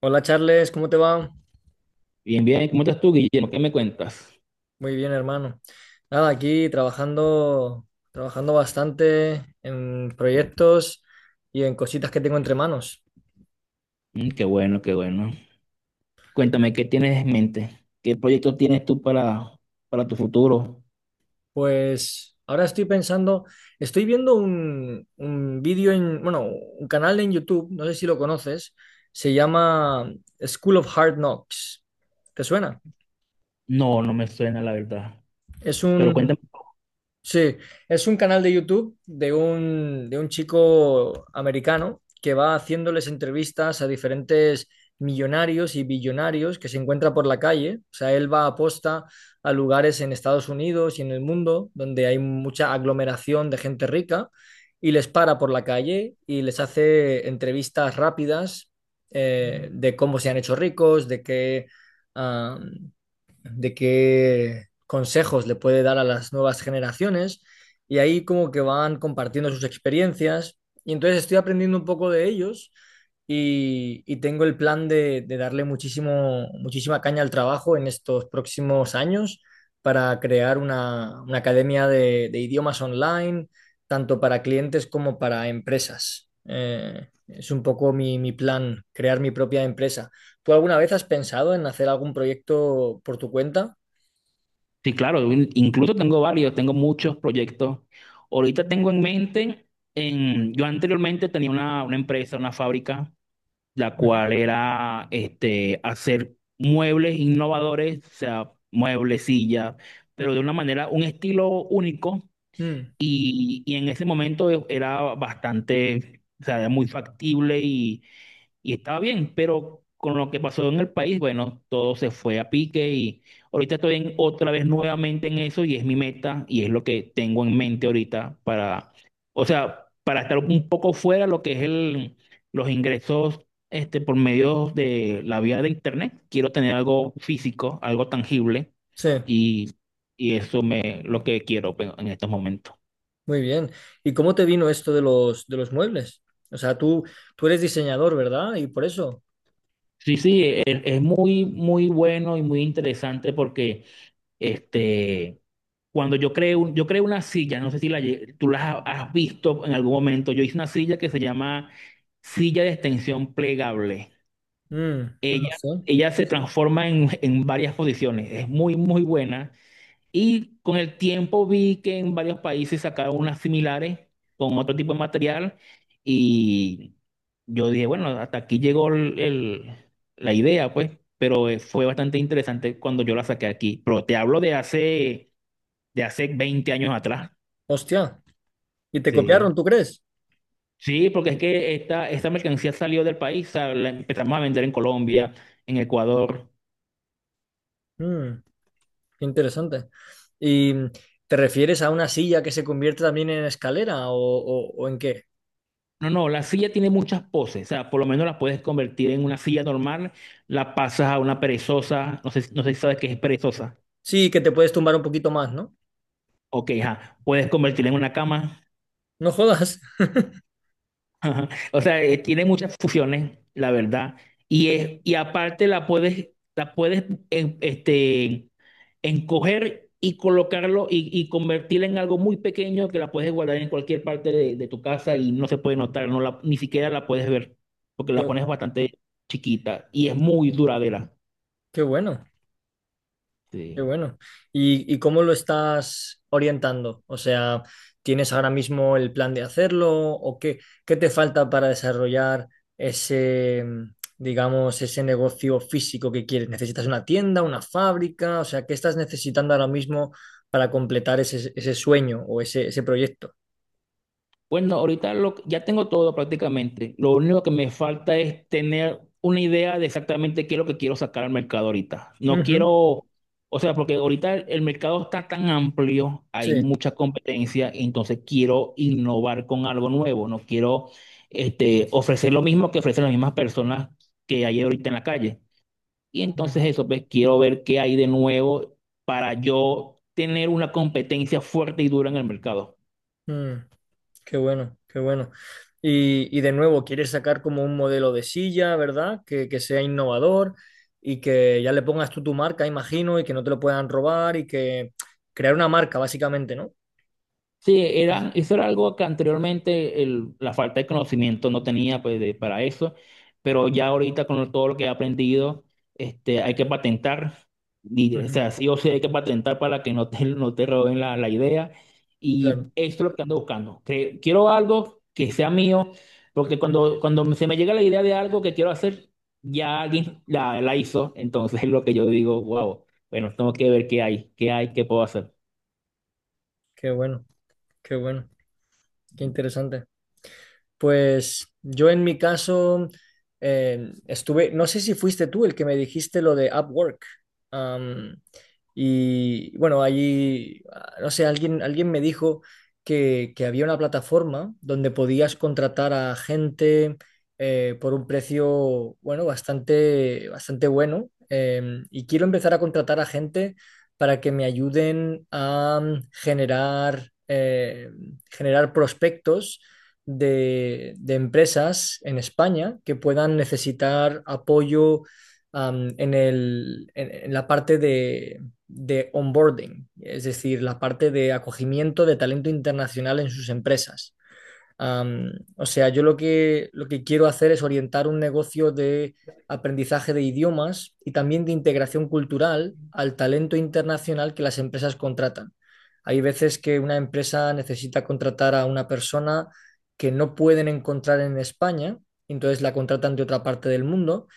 Hola Charles, ¿cómo te va? Bien, bien, ¿cómo estás tú, Guillermo? ¿Qué me cuentas? Muy bien, hermano. Nada, aquí trabajando, trabajando bastante en proyectos y en cositas que tengo entre manos. Mm, qué bueno, qué bueno. Cuéntame, ¿qué tienes en mente? ¿Qué proyecto tienes tú para tu futuro? Pues ahora estoy pensando, estoy viendo un vídeo en, bueno, un canal en YouTube, no sé si lo conoces, se llama School of Hard Knocks. ¿Te suena? No, no me suena, la verdad. Es Pero un. cuéntame. Sí, es un canal de YouTube de un chico americano que va haciéndoles entrevistas a diferentes millonarios y billonarios que se encuentra por la calle. O sea, él va a posta a lugares en Estados Unidos y en el mundo donde hay mucha aglomeración de gente rica y les para por la calle y les hace entrevistas rápidas, de cómo se han hecho ricos, de qué consejos le puede dar a las nuevas generaciones y ahí como que van compartiendo sus experiencias y entonces estoy aprendiendo un poco de ellos y tengo el plan de darle muchísimo, muchísima caña al trabajo en estos próximos años para crear una academia de idiomas online, tanto para clientes como para empresas. Es un poco mi, mi plan, crear mi propia empresa. ¿Tú alguna vez has pensado en hacer algún proyecto por tu cuenta? Sí, claro, incluso tengo varios, tengo muchos proyectos. Ahorita tengo en mente, yo anteriormente tenía una empresa, una fábrica, la Ujú. cual era este, hacer muebles innovadores, o sea, muebles, sillas, pero de una manera, un estilo único. Mm. Y en ese momento era bastante, o sea, era muy factible y estaba bien, pero con lo que pasó en el país, bueno, todo se fue a pique y ahorita otra vez nuevamente en eso y es mi meta y es lo que tengo en mente ahorita para, o sea, para estar un poco fuera de lo que es los ingresos este, por medio de la vía de internet. Quiero tener algo físico, algo tangible Sí, y, y eso me lo que quiero pues, en estos momentos. muy bien. ¿Y cómo te vino esto de los muebles? O sea, tú eres diseñador, ¿verdad? Y por eso. Sí, sí, es, muy, muy bueno y muy interesante porque este, cuando yo creé una silla, no sé si tú la has visto en algún momento, yo hice una silla que se llama silla de extensión plegable. Mm, no Ella, sé. ella se transforma en varias posiciones, es muy, muy buena y con el tiempo vi que en varios países sacaron unas similares con otro tipo de material y yo dije, bueno, hasta aquí llegó la idea, pues, pero fue bastante interesante cuando yo la saqué aquí. Pero te hablo de hace 20 años atrás. Hostia. ¿Y te copiaron, Sí. tú crees? Sí, porque es que esta mercancía salió del país, o sea, la empezamos a vender en Colombia, en Ecuador. Mm, qué interesante. ¿Y te refieres a una silla que se convierte también en escalera o en qué? No, no, la silla tiene muchas poses, o sea, por lo menos la puedes convertir en una silla normal, la pasas a una perezosa, no sé si sabes qué es perezosa, Sí, que te puedes tumbar un poquito más, ¿no? ok, ajá, puedes convertirla en una cama. No jodas. Ajá. O sea, tiene muchas fusiones, la verdad, y aparte la puedes este, encoger y colocarlo y convertirla en algo muy pequeño que la puedes guardar en cualquier parte de tu casa y no se puede notar, ni siquiera la puedes ver, porque la Qué, pones bastante chiquita y es muy duradera. qué bueno. Qué Sí. bueno. Y cómo lo estás orientando? O sea, ¿tienes ahora mismo el plan de hacerlo o qué, qué te falta para desarrollar ese, mm, digamos, ese negocio físico que quieres? ¿Necesitas una tienda, una fábrica? O sea, ¿qué estás necesitando ahora mismo para completar ese, ese sueño o ese proyecto? Bueno, ahorita ya tengo todo prácticamente. Lo único que me falta es tener una idea de exactamente qué es lo que quiero sacar al mercado ahorita. No Ujú. quiero, o sea, porque ahorita el mercado está tan amplio, hay Sí. mucha competencia, entonces quiero innovar con algo nuevo. No quiero este, ofrecer lo mismo que ofrecen las mismas personas que hay ahorita en la calle. Y Mm, entonces eso, pues quiero ver qué hay de nuevo para yo tener una competencia fuerte y dura en el mercado. mm. Qué bueno, qué bueno. Y de nuevo, quieres sacar como un modelo de silla, ¿verdad? Que sea innovador y que ya le pongas tú tu marca, imagino, y que no te lo puedan robar y que crear una marca, básicamente, ¿no? Sí, eso era algo que anteriormente la falta de conocimiento no tenía pues, para eso, pero ya ahorita con todo lo que he aprendido, este, hay que patentar, y, o Ujú. sea, sí o sí hay que patentar para que no te roben la idea, y Claro, esto es lo que ando buscando. Quiero algo que sea mío, porque cuando se me llega la idea de algo que quiero hacer, ya alguien la hizo, entonces es lo que yo digo, wow, bueno, tengo que ver qué hay, qué puedo hacer. qué bueno, qué bueno, qué interesante. Pues yo en mi caso estuve, no sé si fuiste tú el que me dijiste lo de Upwork. Am, y bueno, allí, no sé, alguien, alguien me dijo que había una plataforma donde podías contratar a gente, por un precio, bueno, bastante, bastante bueno. Y quiero empezar a contratar a gente para que me ayuden a generar, generar prospectos de empresas en España que puedan necesitar apoyo, en el- en la parte de onboarding, es decir, la parte de acogimiento de talento internacional en sus empresas. O sea, yo lo que quiero hacer es orientar un negocio de aprendizaje de idiomas y también de integración cultural al talento internacional que las empresas contratan. Hay veces que una empresa necesita contratar a una persona que no pueden encontrar en España, entonces la contratan de otra parte del mundo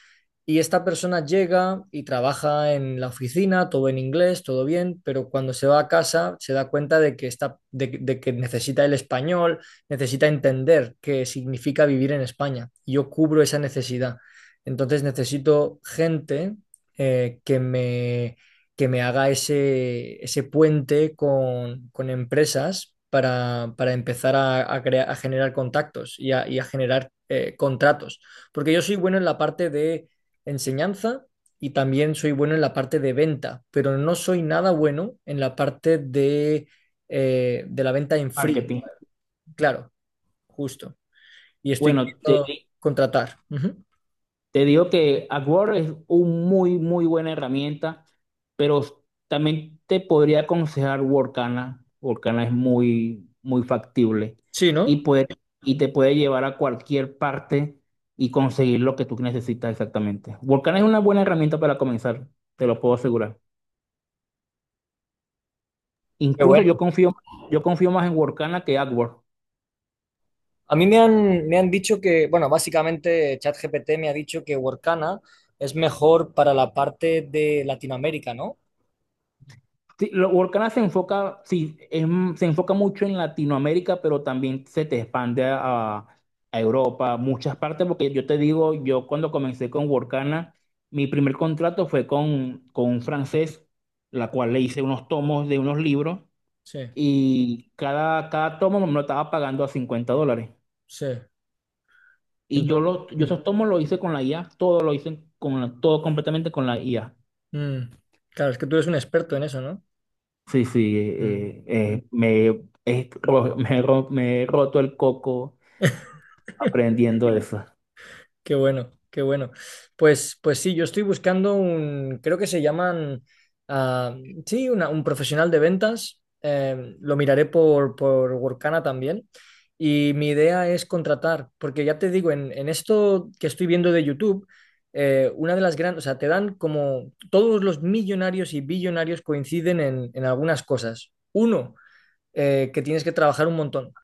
y esta persona llega y trabaja en la oficina, todo en inglés, todo bien, pero cuando se va a casa se da cuenta de que, está, de que necesita el español, necesita entender qué significa vivir en España. Yo cubro esa necesidad. Entonces necesito gente, eh, que me, que me haga ese, ese puente con empresas para empezar a crea- a generar contactos y a generar contratos. Porque yo soy bueno en la parte de enseñanza y también soy bueno en la parte de venta, pero no soy nada bueno en la parte de la venta en frío, Marketing. claro, justo. Y estoy Bueno, queriendo te contratar. Ujú. Te digo que AdWords es una muy, muy buena herramienta, pero también te podría aconsejar Workana. Workana es muy, muy factible Sí, y, ¿no? puede, y te puede llevar a cualquier parte y conseguir lo que tú necesitas exactamente. Workana es una buena herramienta para comenzar, te lo puedo asegurar. Qué Incluso bueno. Yo confío más en Workana que AdWords. A mí me han dicho que, bueno, básicamente ChatGPT me ha dicho que Workana es mejor para la parte de Latinoamérica, ¿no? Sí, Workana se enfoca, sí, se enfoca mucho en Latinoamérica, pero también se te expande a Europa, muchas partes, porque yo te digo, yo cuando comencé con Workana, mi primer contrato fue con un francés, la cual le hice unos tomos de unos libros Sí, y cada tomo me lo estaba pagando a 50 dólares. sí. Y yo, Entonces, los, yo mm, esos tomos los hice con la IA, todo lo hice con todo completamente con la IA. mm, claro, es que tú eres un experto en eso, ¿no? Sí, sí, Mm. Me he roto el coco aprendiendo eso. Qué bueno, qué bueno. Pues, pues sí, yo estoy buscando un, creo que se llaman, ah, sí, una- un profesional de ventas. Lo miraré por Workana también. Y mi idea es contratar, porque ya te digo, en esto que estoy viendo de YouTube, una de las grandes, o sea, te dan como todos los millonarios y billonarios coinciden en algunas cosas. Uno, que tienes que trabajar un montón.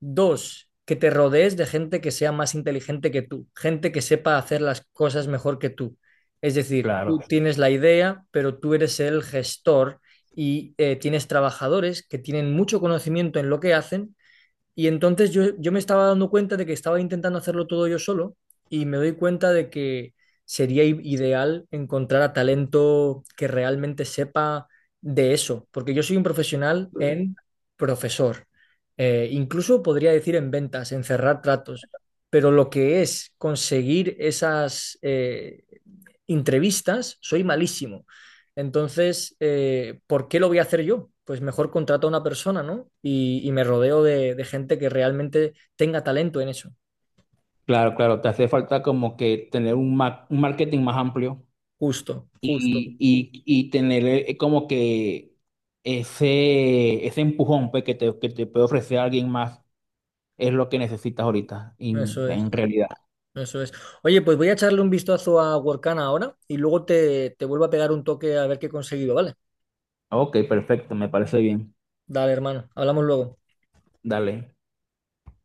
Dos, que te rodees de gente que sea más inteligente que tú, gente que sepa hacer las cosas mejor que tú. Es decir, Claro, tú tienes la idea, pero tú eres el gestor y tienes trabajadores que tienen mucho conocimiento en lo que hacen, y entonces yo me estaba dando cuenta de que estaba intentando hacerlo todo yo solo y me doy cuenta de que sería i- ideal encontrar a talento que realmente sepa de eso, porque yo soy un profesional en profesor, incluso podría decir en ventas, en cerrar tratos, pero lo que es conseguir esas entrevistas, soy malísimo. Entonces, ¿por qué lo voy a hacer yo? Pues mejor contrato a una persona, ¿no? Y me rodeo de gente que realmente tenga talento en eso. claro, claro. Te hace falta como que tener un marketing más amplio Justo, justo. y tener como que ese empujón pues, que te puede ofrecer alguien más es lo que necesitas ahorita, en Eso es, en realidad. eso es. Oye, pues voy a echarle un vistazo a Workana ahora y luego te, te vuelvo a pegar un toque a ver qué he conseguido, ¿vale? Ok, perfecto, me parece bien. Dale, hermano. Hablamos luego. Dale.